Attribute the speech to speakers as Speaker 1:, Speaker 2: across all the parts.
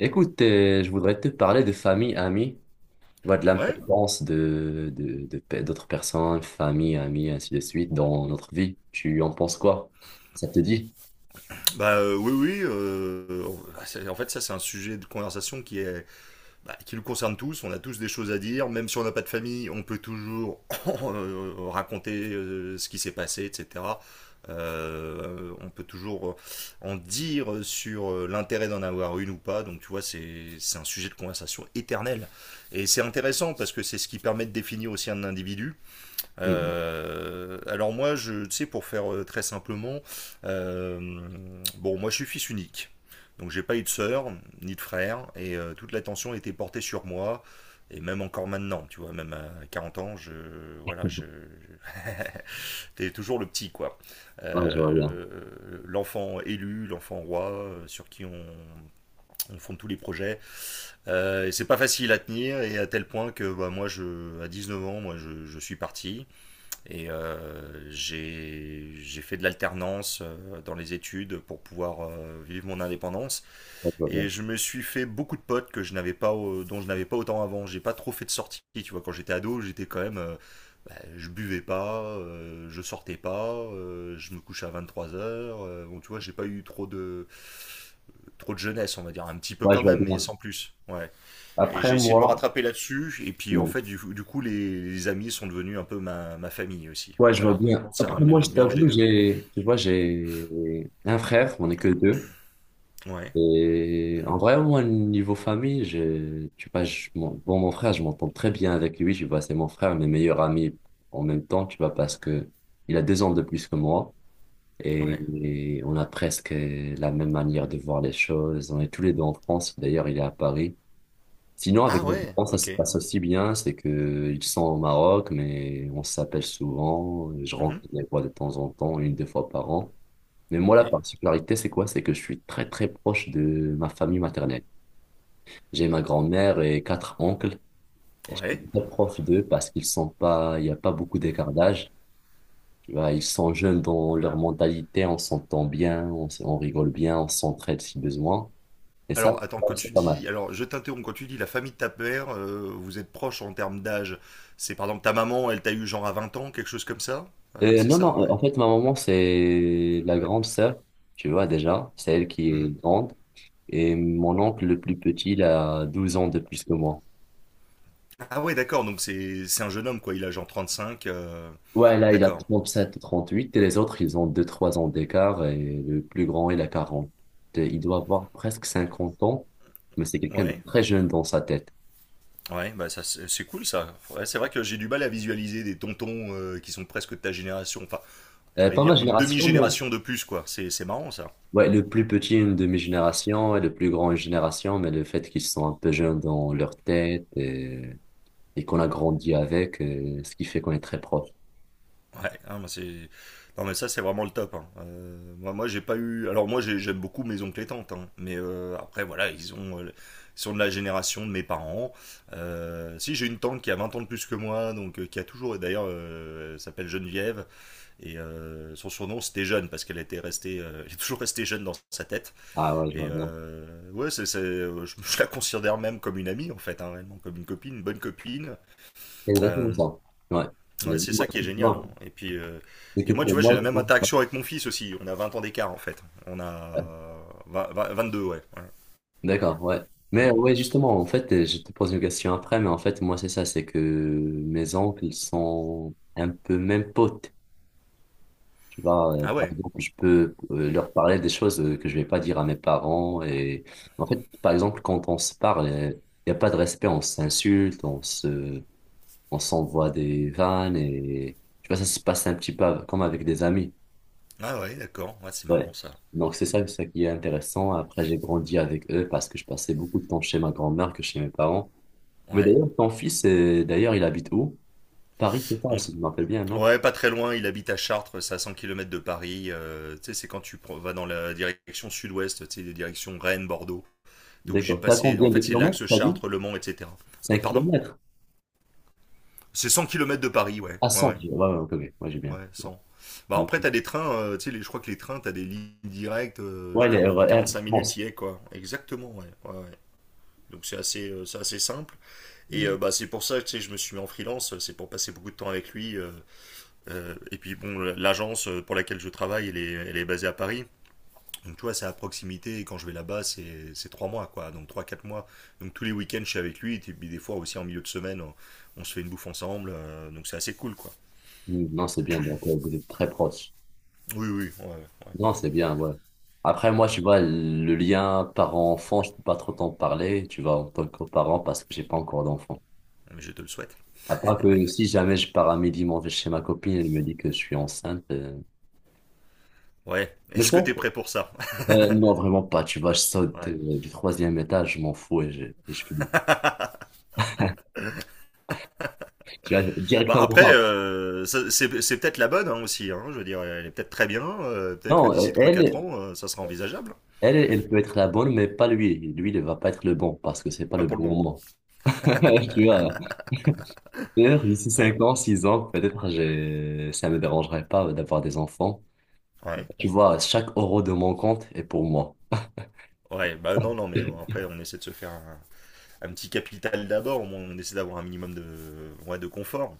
Speaker 1: Écoute, je voudrais te parler de famille, amis, tu vois, de
Speaker 2: Ouais,
Speaker 1: l'importance d'autres personnes, famille, amis, ainsi de suite, dans notre vie. Tu en penses quoi? Ça te dit?
Speaker 2: bah oui, oui. En fait, ça, c'est un sujet de conversation qui est, bah, qui nous concerne tous. On a tous des choses à dire, même si on n'a pas de famille, on peut toujours raconter ce qui s'est passé, etc. On peut toujours en dire sur l'intérêt d'en avoir une ou pas. Donc, tu vois, c'est un sujet de conversation éternel. Et c'est intéressant parce que c'est ce qui permet de définir aussi un individu.
Speaker 1: Mhm.
Speaker 2: Alors moi, je, tu sais, pour faire très simplement, euh, bon, moi je suis fils unique, donc j'ai pas eu de sœur ni de frère, et toute l'attention était portée sur moi, et même encore maintenant, tu vois, même à 40 ans, voilà, t'es toujours le petit, quoi.
Speaker 1: Ouais, je vois bien.
Speaker 2: L'enfant élu, l'enfant roi, sur qui on fonde tous les projets. Et c'est pas facile à tenir, et à tel point que bah, à 19 ans, moi je, suis parti. Et j'ai fait de l'alternance dans les études pour pouvoir vivre mon indépendance.
Speaker 1: Ouais, je vois
Speaker 2: Et
Speaker 1: bien.
Speaker 2: je me suis fait beaucoup de potes que je n'avais pas, dont je n'avais pas autant avant. J'ai pas trop fait de sorties. Tu vois, quand j'étais ado, j'étais quand même, bah, je buvais pas, je sortais pas, je me couchais à 23h. Bon, tu vois, j'ai pas eu trop de jeunesse, on va dire, un petit peu
Speaker 1: Ouais,
Speaker 2: quand
Speaker 1: je vois
Speaker 2: même, mais
Speaker 1: bien.
Speaker 2: sans plus. Ouais. Et
Speaker 1: Après
Speaker 2: j'ai essayé de me
Speaker 1: moi,
Speaker 2: rattraper là-dessus. Et puis en
Speaker 1: Hmm.
Speaker 2: fait, du coup, les amis sont devenus un peu ma famille aussi.
Speaker 1: Ouais, je vois
Speaker 2: Voilà,
Speaker 1: bien.
Speaker 2: maintenant c'est un
Speaker 1: Après moi, je
Speaker 2: mélange des
Speaker 1: t'avoue,
Speaker 2: deux.
Speaker 1: j'ai, tu vois, j'ai un frère, on est que 2.
Speaker 2: Ouais,
Speaker 1: Et en vrai, moi, niveau famille, j'ai, tu vois, mon frère, je m'entends très bien avec lui. Tu vois, c'est mon frère, mes meilleurs amis en même temps, tu vois, parce que il a 2 ans de plus que moi et,
Speaker 2: ouais.
Speaker 1: et on a presque la même manière de voir les choses. On est tous les deux en France. D'ailleurs, il est à Paris. Sinon,
Speaker 2: Ah
Speaker 1: avec mes
Speaker 2: ouais,
Speaker 1: parents, ça se
Speaker 2: ok.
Speaker 1: passe aussi bien. C'est que ils sont au Maroc, mais on s'appelle souvent. Je rentre
Speaker 2: Mhm.
Speaker 1: les vois de temps en temps, 1, 2 fois par an. Mais moi, la
Speaker 2: Ouais,
Speaker 1: particularité, c'est quoi? C'est que je suis très, très proche de ma famille maternelle. J'ai ma grand-mère et 4 oncles. Et je suis
Speaker 2: ouais.
Speaker 1: très proche d'eux parce qu'ils sont pas, il n'y a pas beaucoup d'écart d'âge. Tu vois, ils sont jeunes dans leur mentalité, on s'entend bien, on rigole bien, on s'entraide si besoin. Et ça,
Speaker 2: Alors attends, quand tu
Speaker 1: c'est pas mal.
Speaker 2: dis, alors je t'interromps, quand tu dis la famille de ta mère, vous êtes proches en termes d'âge. C'est par exemple ta maman, elle t'a eu genre à 20 ans, quelque chose comme ça. C'est
Speaker 1: Non, non,
Speaker 2: ça ouais.
Speaker 1: en fait, ma maman, c'est la grande sœur, tu vois, déjà. C'est elle qui est
Speaker 2: Mhm.
Speaker 1: grande. Et mon oncle, le plus petit, il a 12 ans de plus que moi.
Speaker 2: Ah ouais, d'accord, donc c'est un jeune homme quoi, il a genre 35.
Speaker 1: Ouais, là, il a
Speaker 2: D'accord,
Speaker 1: 37 38 et les autres, ils ont 2 3 ans d'écart et le plus grand, il a 40. Et il doit avoir presque 50 ans, mais c'est quelqu'un de
Speaker 2: ouais.
Speaker 1: très jeune dans sa tête.
Speaker 2: Ouais, bah ça c'est cool ça. Ouais, c'est vrai que j'ai du mal à visualiser des tontons qui sont presque de ta génération, enfin, à vrai
Speaker 1: Pas ma
Speaker 2: dire une
Speaker 1: génération, non.
Speaker 2: demi-génération de plus quoi. C'est marrant ça.
Speaker 1: Ouais, le plus petit, une demi-génération et le plus grand, une génération, mais le fait qu'ils sont un peu jeunes dans leur tête et qu'on a grandi avec, ce qui fait qu'on est très proche.
Speaker 2: Ouais, hein, moi, c'est non mais ça c'est vraiment le top, hein. Moi, j'ai pas eu, alors j'aime beaucoup mes oncles et tantes, hein. Mais après voilà ils sont de la génération de mes parents. Si j'ai une tante qui a 20 ans de plus que moi, donc qui a toujours, d'ailleurs elle s'appelle Geneviève et son surnom c'était Jeune parce qu'elle était restée, elle est toujours restée jeune dans sa tête.
Speaker 1: Ah ouais, je vois
Speaker 2: Et
Speaker 1: bien.
Speaker 2: ouais, je la considère même comme une amie en fait, hein, réellement, comme une copine, une bonne copine.
Speaker 1: C'est
Speaker 2: Euh,
Speaker 1: exactement ça. Ouais. Mais
Speaker 2: ouais, c'est
Speaker 1: moi,
Speaker 2: ça qui est
Speaker 1: tu
Speaker 2: génial, hein.
Speaker 1: vois,
Speaker 2: Et puis, euh,
Speaker 1: c'est que
Speaker 2: puis moi, tu
Speaker 1: pour
Speaker 2: vois, j'ai
Speaker 1: moi,
Speaker 2: la
Speaker 1: tu
Speaker 2: même
Speaker 1: vois,
Speaker 2: interaction avec mon fils aussi. On a 20 ans d'écart en fait. On a deux ouais. Ouais.
Speaker 1: d'accord, ouais. Mais
Speaker 2: Mm.
Speaker 1: ouais, justement, en fait, je te pose une question après, mais en fait, moi, c'est ça, c'est que mes oncles sont un peu même potes. Tu vois,
Speaker 2: Ah
Speaker 1: par
Speaker 2: ouais.
Speaker 1: exemple, je peux leur parler des choses que je vais pas dire à mes parents. Et en fait, par exemple, quand on se parle, il n'y a pas de respect, on s'envoie des vannes et tu vois, ça se passe un petit peu comme avec des amis.
Speaker 2: Ah ouais, d'accord. Ouais, c'est marrant
Speaker 1: Ouais.
Speaker 2: ça.
Speaker 1: Donc, c'est ça qui est intéressant. Après, j'ai grandi avec eux parce que je passais beaucoup de temps chez ma grand-mère que chez mes parents. Mais
Speaker 2: Ouais.
Speaker 1: d'ailleurs, ton fils, d'ailleurs, il habite où? Paris, c'est ça,
Speaker 2: Bon,
Speaker 1: si je me rappelle bien, non?
Speaker 2: ouais, pas très loin. Il habite à Chartres, c'est à 100 km de Paris. Tu sais, c'est quand tu vas dans la direction sud-ouest, tu sais, direction Rennes, Bordeaux. T'es obligé de
Speaker 1: D'accord. Ça
Speaker 2: passer. En
Speaker 1: combien de
Speaker 2: fait, c'est
Speaker 1: kilomètres,
Speaker 2: l'axe
Speaker 1: t'as dit?
Speaker 2: Chartres, Le Mans, etc.
Speaker 1: cinq
Speaker 2: Pardon?
Speaker 1: kilomètres.
Speaker 2: C'est 100 km de Paris, ouais.
Speaker 1: À
Speaker 2: Ouais,
Speaker 1: 100.
Speaker 2: ouais.
Speaker 1: Ouais, ouais, ok, ok. Moi, j'ai bien.
Speaker 2: Ouais, 100. Bah, après, t'as des trains, tu sais, je crois que les trains, t'as des lignes directes, je
Speaker 1: Ouais,
Speaker 2: crois,
Speaker 1: les
Speaker 2: en
Speaker 1: RER, je
Speaker 2: 45 minutes,
Speaker 1: pense.
Speaker 2: y est, quoi. Exactement, ouais. Ouais, ouais. Donc, c'est assez simple. Et
Speaker 1: Mm.
Speaker 2: bah, c'est pour ça que, tu sais, je me suis mis en freelance, c'est pour passer beaucoup de temps avec lui. Et puis, bon, l'agence pour laquelle je travaille, elle est basée à Paris. Donc, tu vois, c'est à proximité, et quand je vais là-bas, c'est 3 mois, quoi. Donc, 3, 4 mois. Donc, tous les week-ends, je suis avec lui, et puis des fois aussi en milieu de semaine, on se fait une bouffe ensemble. Donc, c'est assez cool, quoi.
Speaker 1: Mm. Non, c'est bien, donc vous êtes très proches.
Speaker 2: Oui, oui, ouais, ouais.
Speaker 1: Non, c'est bien, ouais. Après, moi, tu vois, le lien parent-enfant, je peux pas trop t'en parler, tu vois, en tant que parent, parce que j'ai pas encore d'enfant.
Speaker 2: Mais je te le souhaite.
Speaker 1: À part que si jamais je pars à midi manger chez ma copine, elle me dit que je suis enceinte.
Speaker 2: Ouais.
Speaker 1: Mais je
Speaker 2: Est-ce que
Speaker 1: pense,
Speaker 2: t'es prêt pour ça?
Speaker 1: Non, vraiment pas. Tu vois, je saute
Speaker 2: Ouais.
Speaker 1: du 3e étage, je m'en fous et je finis. Tu vois,
Speaker 2: Bah
Speaker 1: directement
Speaker 2: après,
Speaker 1: pas.
Speaker 2: c'est peut-être la bonne hein, aussi, hein, je veux dire, elle est peut-être très bien. Peut-être que
Speaker 1: Non,
Speaker 2: d'ici trois quatre ans, ça sera envisageable.
Speaker 1: elle peut être la bonne, mais pas lui. Lui, ne va pas être le bon parce que c'est pas
Speaker 2: Pas
Speaker 1: le
Speaker 2: pour le
Speaker 1: bon
Speaker 2: moment.
Speaker 1: moment. Tu vois, d'ailleurs, d'ici
Speaker 2: Ouais.
Speaker 1: 5 ans, 6 ans, peut-être, j'ai... ça me dérangerait pas d'avoir des enfants.
Speaker 2: Ouais.
Speaker 1: Tu vois, chaque euro de mon compte est pour moi.
Speaker 2: Ouais, bah non, non, mais bon, après, on essaie de se faire un petit capital d'abord. Au moins, on essaie d'avoir un minimum de, ouais, de confort.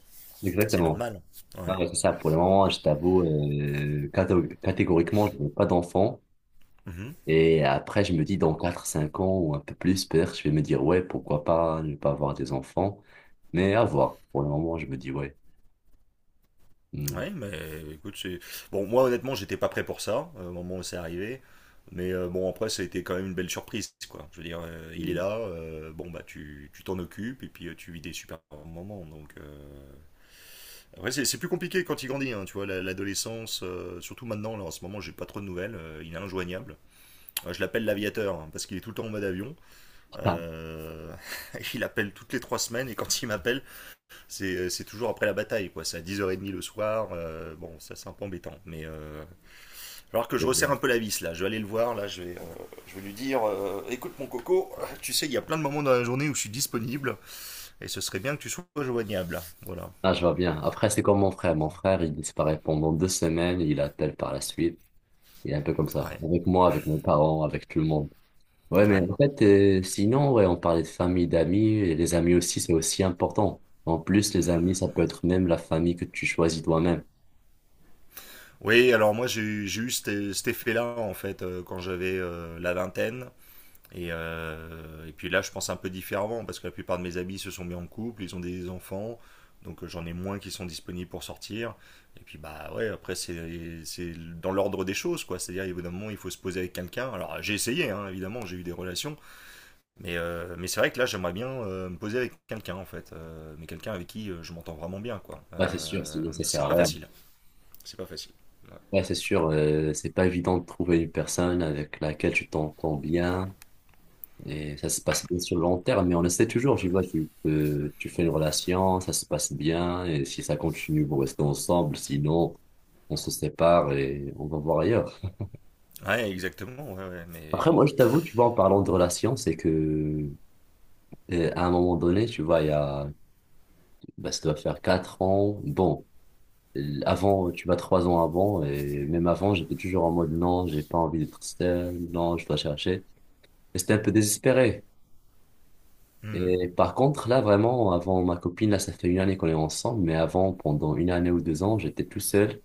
Speaker 2: C'est
Speaker 1: Exactement.
Speaker 2: normal. Ouais.
Speaker 1: Ouais, c'est ça. Pour le moment, je t'avoue, catégoriquement, je n'ai pas d'enfant.
Speaker 2: Mhm.
Speaker 1: Et après, je me dis, dans 4 5 ans ou un peu plus, peut-être, je vais me dire, ouais, pourquoi pas ne pas avoir des enfants. Mais à voir. Pour le moment, je me dis, ouais. Hmm.
Speaker 2: Ouais, mais écoute, Bon, moi honnêtement, j'étais pas prêt pour ça, au moment où c'est arrivé. Mais bon, après, ça a été quand même une belle surprise, quoi. Je veux dire, il est là, bon, bah, tu t'en occupes, et puis tu vis des super moments, donc... Après, c'est plus compliqué quand il grandit, hein, tu vois, l'adolescence, surtout maintenant, là, en ce moment, j'ai pas trop de nouvelles, il est injoignable. Je l'appelle l'aviateur, hein, parce qu'il est tout le temps en mode avion.
Speaker 1: Mm. Ah,
Speaker 2: Euh, Il appelle toutes les 3 semaines, et quand il m'appelle, c'est toujours après la bataille, quoi. C'est à 10h30 le soir. Bon, ça, c'est un peu embêtant. Mais alors que je
Speaker 1: c'est
Speaker 2: resserre
Speaker 1: bien.
Speaker 2: un peu la vis, là. Je vais aller le voir, là. Je vais lui dire Écoute, mon coco, tu sais, il y a plein de moments dans la journée où je suis disponible et ce serait bien que tu sois joignable. Voilà.
Speaker 1: Ah, je vois bien. Après, c'est comme mon frère. Mon frère, il disparaît pendant 2 semaines, il appelle par la suite. Il est un peu comme ça.
Speaker 2: Ouais,
Speaker 1: Avec moi, avec mes parents, avec tout le monde. Ouais, mais
Speaker 2: ouais.
Speaker 1: en fait, sinon, ouais, on parlait de famille, d'amis, et les amis aussi, c'est aussi important. En plus, les amis, ça peut être même la famille que tu choisis toi-même.
Speaker 2: Oui, alors moi, j'ai eu cet effet-là, en fait, quand j'avais la vingtaine. Et puis là, je pense un peu différemment parce que la plupart de mes amis se sont mis en couple, ils ont des enfants, donc j'en ai moins qui sont disponibles pour sortir. Et puis bah ouais, après c'est dans l'ordre des choses quoi. C'est-à-dire évidemment il faut se poser avec quelqu'un. Alors j'ai essayé hein, évidemment, j'ai eu des relations, mais c'est vrai que là j'aimerais bien me poser avec quelqu'un en fait. Mais quelqu'un avec qui je m'entends vraiment bien quoi.
Speaker 1: Ouais, c'est sûr, sinon ça
Speaker 2: Mais
Speaker 1: sert
Speaker 2: c'est
Speaker 1: à
Speaker 2: pas
Speaker 1: rien.
Speaker 2: facile, c'est pas facile. Ouais.
Speaker 1: Ouais, c'est sûr, c'est pas évident de trouver une personne avec laquelle tu t'entends bien et ça se passe bien sur le long terme, mais on essaie toujours, tu vois, tu fais une relation, ça se passe bien et si ça continue, vous restez ensemble, sinon on se sépare et on va voir ailleurs.
Speaker 2: Ouais, exactement, ouais ouais, mais
Speaker 1: Après,
Speaker 2: bon.
Speaker 1: moi, je t'avoue, tu vois, en parlant de relation, c'est que à un moment donné, tu vois, il y a, bah, ça doit faire 4 ans, bon. Avant, tu vas 3 ans avant, et même avant, j'étais toujours en mode non, j'ai pas envie d'être seul, non, je dois chercher. Et c'était un peu désespéré.
Speaker 2: Hmm.
Speaker 1: Et par contre, là, vraiment, avant ma copine, là, ça fait une année qu'on est ensemble, mais avant, pendant une année ou 2 ans, j'étais tout seul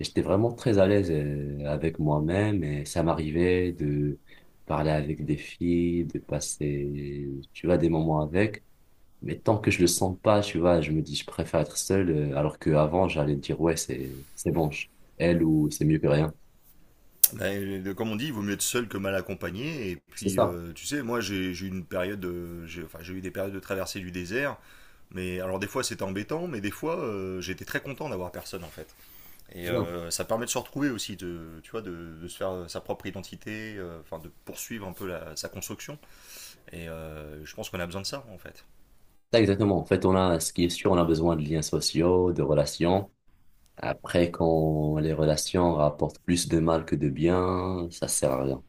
Speaker 1: et j'étais vraiment très à l'aise avec moi-même et ça m'arrivait de parler avec des filles, de passer, tu vois, des moments avec. Mais tant que je le sens pas, tu vois, je me dis, je préfère être seul, alors qu'avant, j'allais dire, ouais, c'est bon, elle ou c'est mieux que rien.
Speaker 2: Ben, comme on dit, il vaut mieux être seul que mal accompagné. Et
Speaker 1: C'est
Speaker 2: puis,
Speaker 1: ça.
Speaker 2: tu sais, moi, j'ai eu une période, de- j'ai enfin, j'ai eu des périodes de traversée du désert. Mais alors, des fois, c'était embêtant, mais des fois, j'étais très content d'avoir personne, en fait. Et
Speaker 1: C'est
Speaker 2: ça permet de se retrouver aussi, tu vois, de se faire sa propre identité, enfin, de poursuivre un peu sa construction. Et je pense qu'on a besoin de ça, en fait.
Speaker 1: ça, exactement. En fait, on a, ce qui est sûr, on a besoin de liens sociaux, de relations. Après, quand les relations rapportent plus de mal que de bien, ça sert à rien.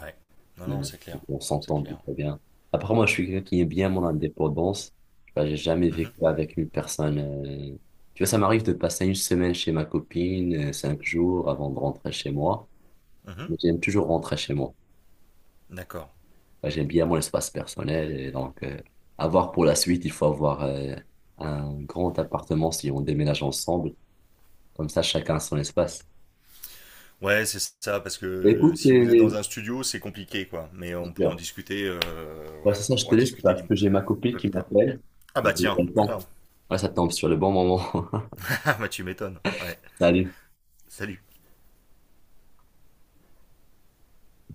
Speaker 2: Ouais. Non, non,
Speaker 1: Mm.
Speaker 2: c'est clair.
Speaker 1: On
Speaker 2: C'est
Speaker 1: s'entend
Speaker 2: clair.
Speaker 1: plutôt bien. Après, moi, je suis quelqu'un qui aime bien mon indépendance. Tu vois, j'ai jamais
Speaker 2: Mhm.
Speaker 1: vécu avec une personne. Tu vois, ça m'arrive de passer une semaine chez ma copine, 5 jours avant de rentrer chez moi.
Speaker 2: Mhm.
Speaker 1: Mais j'aime toujours rentrer chez moi.
Speaker 2: D'accord.
Speaker 1: Moi, j'aime bien mon espace personnel. Et donc, à voir pour la suite, il faut avoir un grand appartement si on déménage ensemble. Comme ça, chacun a son espace.
Speaker 2: Ouais, c'est ça, parce que
Speaker 1: Écoute,
Speaker 2: si vous êtes dans un studio, c'est compliqué, quoi. Mais on pourra en discuter,
Speaker 1: bah,
Speaker 2: ouais,
Speaker 1: c'est ça,
Speaker 2: on
Speaker 1: je te
Speaker 2: pourra
Speaker 1: laisse
Speaker 2: discuter
Speaker 1: parce que j'ai
Speaker 2: un
Speaker 1: ma copine
Speaker 2: peu
Speaker 1: qui
Speaker 2: plus tard.
Speaker 1: m'appelle.
Speaker 2: Ah
Speaker 1: Je
Speaker 2: bah
Speaker 1: vais
Speaker 2: tiens,
Speaker 1: prendre le
Speaker 2: voilà.
Speaker 1: temps. Ouais, ça tombe sur le bon moment.
Speaker 2: Ah bah tu m'étonnes. Ouais,
Speaker 1: Salut.
Speaker 2: salut.